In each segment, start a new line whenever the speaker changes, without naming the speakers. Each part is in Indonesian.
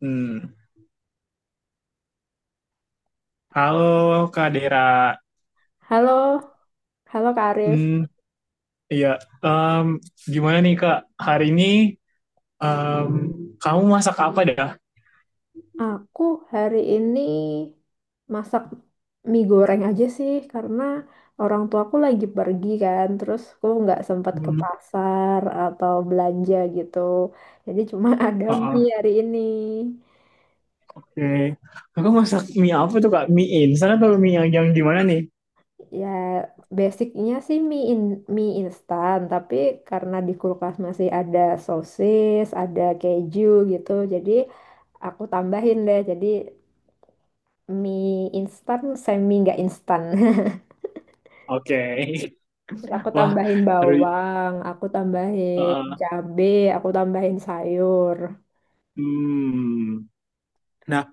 Hmm. Halo Kak Dera.
Halo, halo Kak Arif.
Hmm, iya. Em, Gimana nih Kak? Hari ini em, kamu masak apa dah?
Aku hari ini masak mie goreng aja sih karena orang tuaku lagi pergi kan, terus aku nggak sempat ke
Hmm.
pasar atau belanja gitu. Jadi cuma ada
Oh,
mie hari ini.
oke. Aku masak mie apa tuh Kak? Mie instan atau mie yang gimana nih?
Ya basicnya sih mie instan, tapi karena di kulkas masih ada sosis, ada keju gitu, jadi aku tambahin deh. Jadi mie instan semi nggak instan
Oke.
Terus aku
Wah,
tambahin
seru.
bawang, aku tambahin
Heeh.
cabe, aku tambahin sayur.
Hmm. Nah,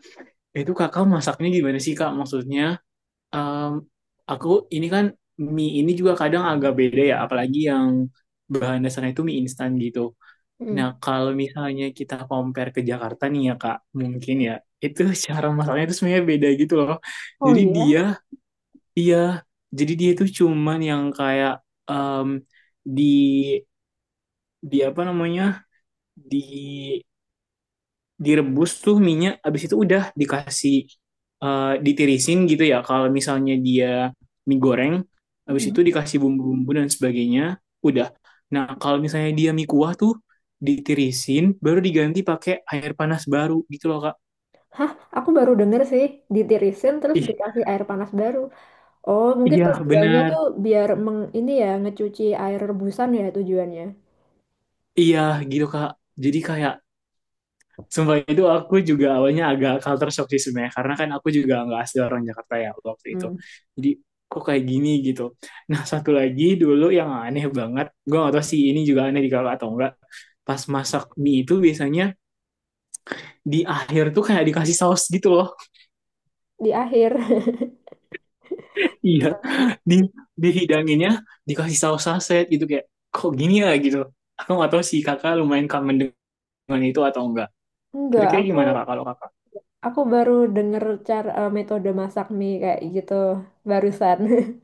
itu Kakak masaknya gimana sih Kak? Maksudnya em, aku ini kan mie ini juga kadang agak beda ya, apalagi yang bahan dasarnya itu mie instan gitu. Nah,
Mm.
kalau misalnya kita compare ke Jakarta nih ya Kak, mungkin ya itu cara masaknya itu sebenarnya beda gitu loh.
Oh
Jadi
iya.
dia, iya, jadi dia itu cuman yang kayak em, di di apa namanya di direbus tuh minyak, abis itu udah dikasih ditirisin gitu ya. Kalau misalnya dia mie goreng, abis
Mm.
itu dikasih bumbu-bumbu dan sebagainya, udah. Nah, kalau misalnya dia mie kuah tuh ditirisin, baru diganti pakai air panas baru gitu loh, Kak.
Hah, aku baru denger sih ditirisin terus
Ih,
dikasih air panas baru. Oh, mungkin
iya
tujuannya
benar.
tuh biar ini ya ngecuci air rebusan ya tujuannya.
Iya gitu, Kak. Jadi kayak sumpah itu aku juga awalnya agak culture shock sih sebenarnya karena kan aku juga nggak asli orang Jakarta ya waktu itu.
Mm.
Jadi kok kayak gini gitu. Nah, satu lagi dulu yang aneh banget, gue gak tau sih ini juga aneh di kakak atau enggak. Pas masak mie itu biasanya di akhir tuh kayak dikasih saus gitu loh.
Di akhir.
Iya, di dihidanginnya dikasih saus saset gitu kayak kok gini ya gitu. Aku gak tau sih kakak lumayan kangen dengan itu atau enggak.
Enggak,
Kira-kira
aku
gimana kak kalau kakak?
aku baru denger cara metode masak mie kayak gitu barusan.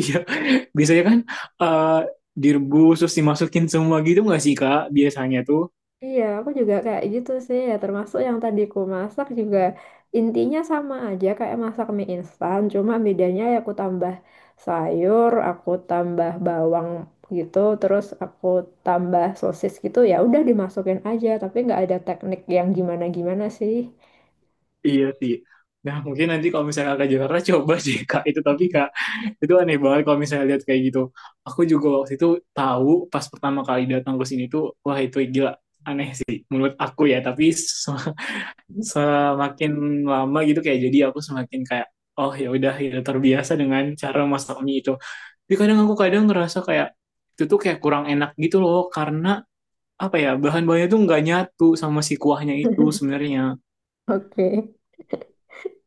Iya, biasanya kan eh, direbus terus dimasukin semua gitu nggak sih Kak? Biasanya tuh.
Iya, aku juga kayak gitu sih ya. Termasuk yang tadi ku masak juga intinya sama aja kayak masak mie instan. Cuma bedanya ya aku tambah sayur, aku tambah bawang gitu, terus aku tambah sosis gitu. Ya udah dimasukin aja, tapi nggak ada teknik yang gimana-gimana sih.
Iya sih. Nah, mungkin nanti kalau misalnya Kakak Jakarta coba sih Kak itu, tapi Kak itu aneh banget kalau misalnya lihat kayak gitu. Aku juga waktu itu tahu pas pertama kali datang ke sini tuh wah itu gila aneh sih menurut aku ya, tapi semakin lama gitu kayak jadi aku semakin kayak oh ya udah ya terbiasa dengan cara masak mie itu. Tapi kadang aku kadang ngerasa kayak itu tuh kayak kurang enak gitu loh karena apa ya bahan-bahannya tuh nggak nyatu sama si kuahnya itu sebenarnya.
Oke.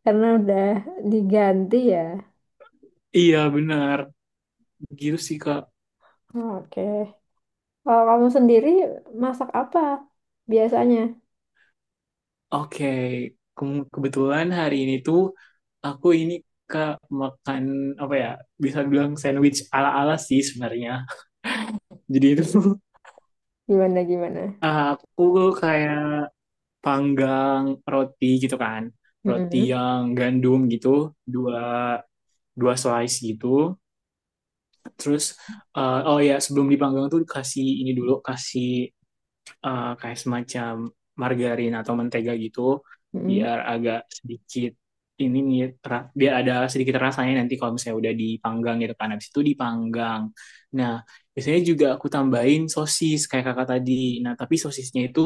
Karena udah diganti ya.
Iya benar, gitu sih Kak.
Oke. Kalau kamu sendiri masak apa biasanya?
Oke. Kebetulan hari ini tuh aku ini Kak makan apa ya, bisa bilang sandwich ala-ala sih sebenarnya. Jadi itu
Gimana-gimana?
aku kayak panggang roti gitu kan, roti
Mm-mm.
yang gandum gitu dua dua slice gitu. Terus oh ya, sebelum dipanggang tuh kasih ini dulu kasih kayak semacam margarin atau mentega gitu
Mm-mm.
biar agak sedikit ini nih biar ada sedikit rasanya nanti kalau misalnya udah dipanggang gitu kan habis itu dipanggang. Nah, biasanya juga aku tambahin sosis kayak kakak tadi. Nah, tapi sosisnya itu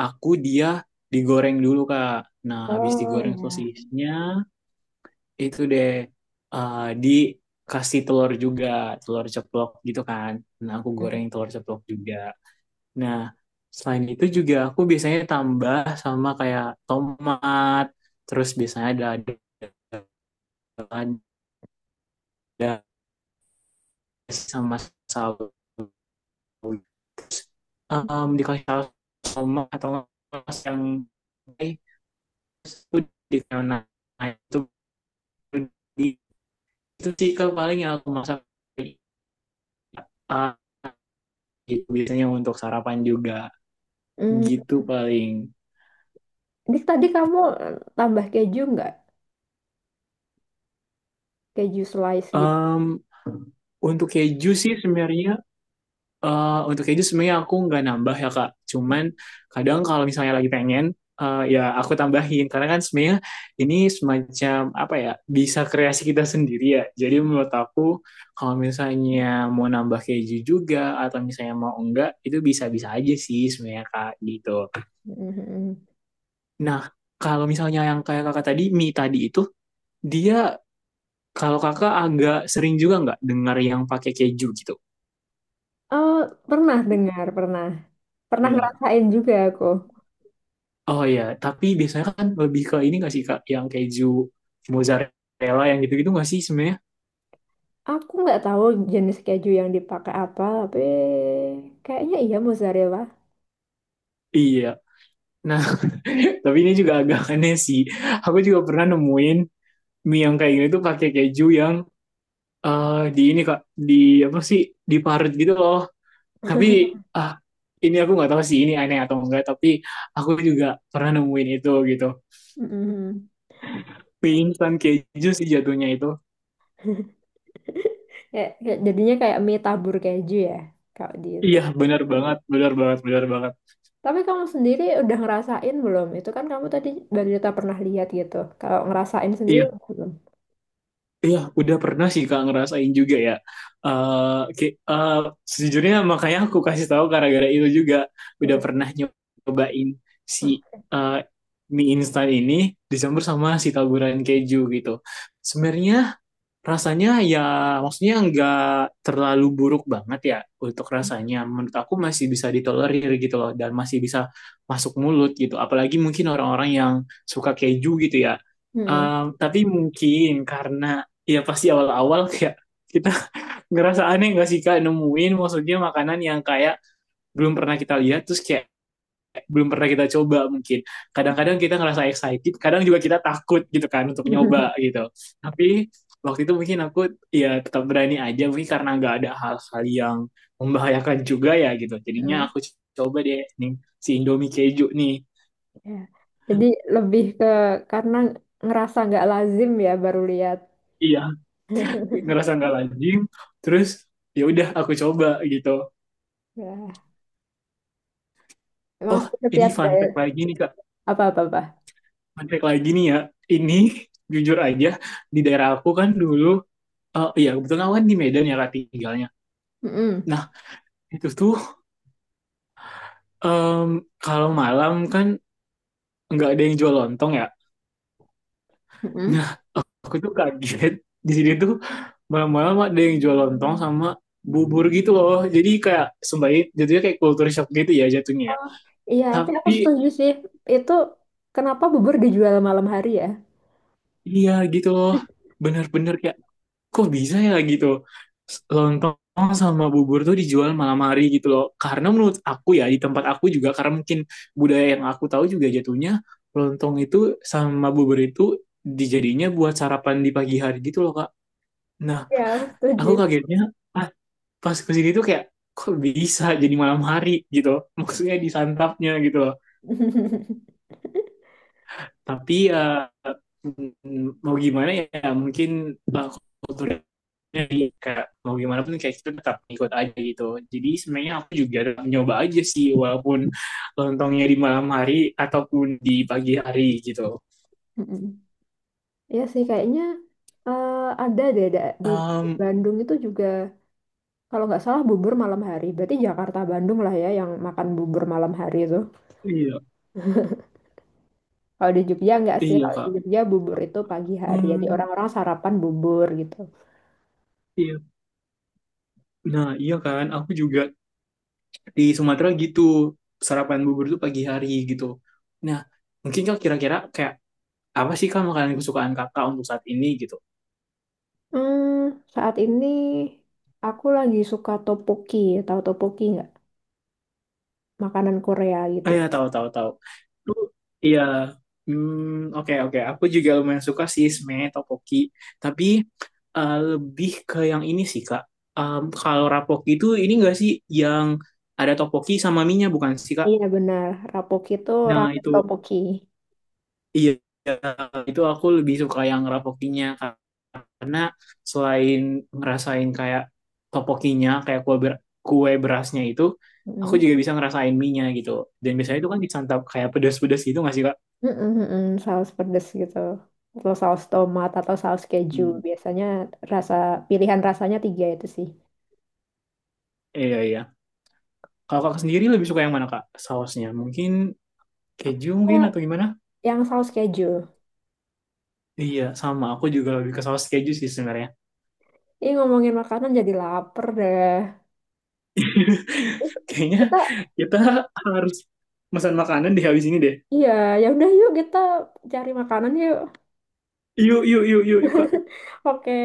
aku dia digoreng dulu Kak. Nah, habis
Oh
digoreng
ya.
sosisnya itu deh dikasih telur juga, telur ceplok gitu kan. Nah, aku
Mm.
goreng telur ceplok juga. Nah, selain itu juga aku biasanya tambah sama kayak tomat, terus biasanya ada sama saus. Dikasih saus tomat atau nggak saus yang eh, itu di nah, itu di itu sih ke paling yang aku masak. Ah, gitu biasanya untuk sarapan juga
Hmm.
gitu paling.
Dik, tadi kamu tambah keju nggak? Keju slice gitu.
Em, untuk keju sih sebenarnya. Untuk keju sebenarnya aku nggak nambah ya Kak. Cuman kadang kalau misalnya lagi pengen, ya aku tambahin. Karena kan sebenarnya ini semacam apa ya, bisa kreasi kita sendiri ya. Jadi menurut aku kalau misalnya mau nambah keju juga atau misalnya mau enggak, itu bisa-bisa aja sih sebenarnya Kak gitu.
Mhm.
Nah, kalau misalnya yang kayak kakak tadi, mie tadi itu, dia kalau kakak agak sering juga nggak dengar yang pakai keju gitu?
Oh, pernah dengar, pernah. Pernah
Iya.
ngerasain juga aku.
Oh iya, tapi biasanya kan lebih ke ini nggak sih Kak, yang keju mozzarella yang gitu-gitu nggak sih sebenarnya?
Aku nggak tahu jenis keju yang dipakai apa, tapi kayaknya iya mozzarella.
Iya. Nah, tapi ini juga agak aneh sih. Aku juga pernah nemuin mie yang kayak gini tuh pakai keju yang di ini Kak, di apa sih? Diparut gitu loh. Tapi ah, ini aku nggak tahu sih ini aneh atau enggak, tapi aku juga pernah nemuin itu gitu.
Mhm.
Mie instan keju sih jatuhnya itu.
Kayak, kayak- jadinya kayak mie tabur keju ya, kalau di itu.
Iya, benar banget, benar banget, benar banget.
Tapi kamu sendiri udah ngerasain belum? Itu kan kamu tadi cerita pernah lihat gitu. Kalau ngerasain sendiri
Iya.
belum?
Iya, udah pernah sih Kak ngerasain juga ya. Eh, ki- eh, Sejujurnya makanya aku kasih tahu gara-gara itu juga udah
Mhm.
pernah nyobain si
Oke.
eh, mie instan ini dicampur sama si taburan keju gitu. Sebenarnya rasanya ya maksudnya nggak terlalu buruk banget ya untuk rasanya. Menurut aku masih bisa ditolerir gitu loh dan masih bisa masuk mulut gitu. Apalagi mungkin orang-orang yang suka keju gitu ya.
Mhm.
Tapi mungkin karena ya pasti awal-awal kayak kita ngerasa aneh nggak sih Kak nemuin maksudnya makanan yang kayak belum pernah kita lihat terus kayak belum pernah kita coba mungkin. Kadang-kadang kita ngerasa excited, kadang juga kita takut gitu kan untuk nyoba gitu. Tapi waktu itu mungkin aku ya tetap berani aja mungkin karena nggak ada hal-hal yang membahayakan juga ya gitu. Jadinya
Mm.
aku coba deh nih si Indomie keju nih.
Ya. Jadi lebih ke karena ngerasa nggak lazim ya baru lihat.
Iya, ngerasa nggak lazim. Terus ya udah aku coba gitu.
Ya. Emang
Oh,
sih
ini
setiap
fun fact
daerah
lagi nih Kak.
apa-apa-apa.
Fun fact lagi nih ya. Ini jujur aja di daerah aku kan dulu iya kebetulan aku kan di Medan ya Kak tinggalnya.
Mm-mm.
Nah, itu tuh em, kalau malam kan nggak ada yang jual lontong ya.
Mm-mm.
Nah, aku tuh kaget di sini tuh malam-malam ada yang jual lontong sama bubur gitu loh. Jadi kayak sembari jatuhnya kayak culture shock gitu ya jatuhnya, ya.
Oh. Iya, tapi aku
Tapi
setuju sih. Itu kenapa bubur dijual malam hari ya?
iya gitu loh. Bener-bener kayak kok bisa ya gitu lontong sama bubur tuh dijual malam hari gitu loh karena menurut aku ya di tempat aku juga karena mungkin budaya yang aku tahu juga jatuhnya lontong itu sama bubur itu dijadinya buat sarapan di pagi hari gitu loh kak. Nah,
Iya, aku setuju.
aku kagetnya ah, pas kesini tuh kayak kok bisa jadi malam hari gitu maksudnya disantapnya gitu loh tapi ya mau gimana ya mungkin uh, kultur jadi kayak mau gimana pun kayak itu tetap ikut aja gitu. Jadi sebenarnya aku juga tetap nyoba aja sih walaupun lontongnya di malam hari ataupun di pagi hari gitu.
Mm-mm. Iya sih, kayaknya eh, ada deh di
Um,
Bandung itu juga, kalau nggak salah bubur malam hari. Berarti Jakarta Bandung lah ya yang makan bubur malam hari itu.
iya,
Kalau di Jogja enggak sih,
iya
kalau di
Kak.
Jogja bubur itu pagi hari, jadi
Hmm,
orang-orang sarapan bubur gitu.
iya. Nah, iya kan, aku juga di Sumatera gitu sarapan bubur tuh pagi hari gitu. Nah, mungkin Kak kira-kira kayak apa sih Kak makanan kesukaan Kakak untuk saat ini gitu?
Hmm, saat ini aku lagi suka topoki, tahu topoki nggak? Makanan Korea
Oh
gitu.
ya, tahu tahu tahu. Lu iya. Hmm, oke oke. Aku juga lumayan suka sih sebenarnya topoki tapi lebih ke yang ini sih, Kak. Kalau rapoki itu ini enggak sih yang ada topoki sama mie bukan sih, Kak?
Iya benar, rapoki itu
Nah,
ramen
itu
topoki.
iya, itu aku lebih suka yang rapokinya karena selain ngerasain kayak topokinya kayak kue berasnya itu aku
Mm.
juga bisa ngerasain mie-nya gitu dan biasanya itu kan disantap kayak pedas-pedas gitu nggak sih kak?
Mm-mm, mm-mm, saus pedas gitu. Atau saus tomat atau saus keju.
Hmm.
Biasanya rasa pilihan rasanya tiga itu sih.
Iya, iya. Kalau kakak sendiri lebih suka yang mana, Kak? Sausnya? Mungkin keju mungkin
Eh,
atau gimana?
Yang saus keju.
Iya, sama. Aku juga lebih ke saus keju sih sebenarnya.
Ini ngomongin makanan jadi lapar deh.
Kayaknya
Kita
kita harus pesan makanan di habis ini deh.
Iya, ya udah yuk kita cari makanan yuk.
Yuk, yuk, yuk, yuk, yuk, Kak.
Oke.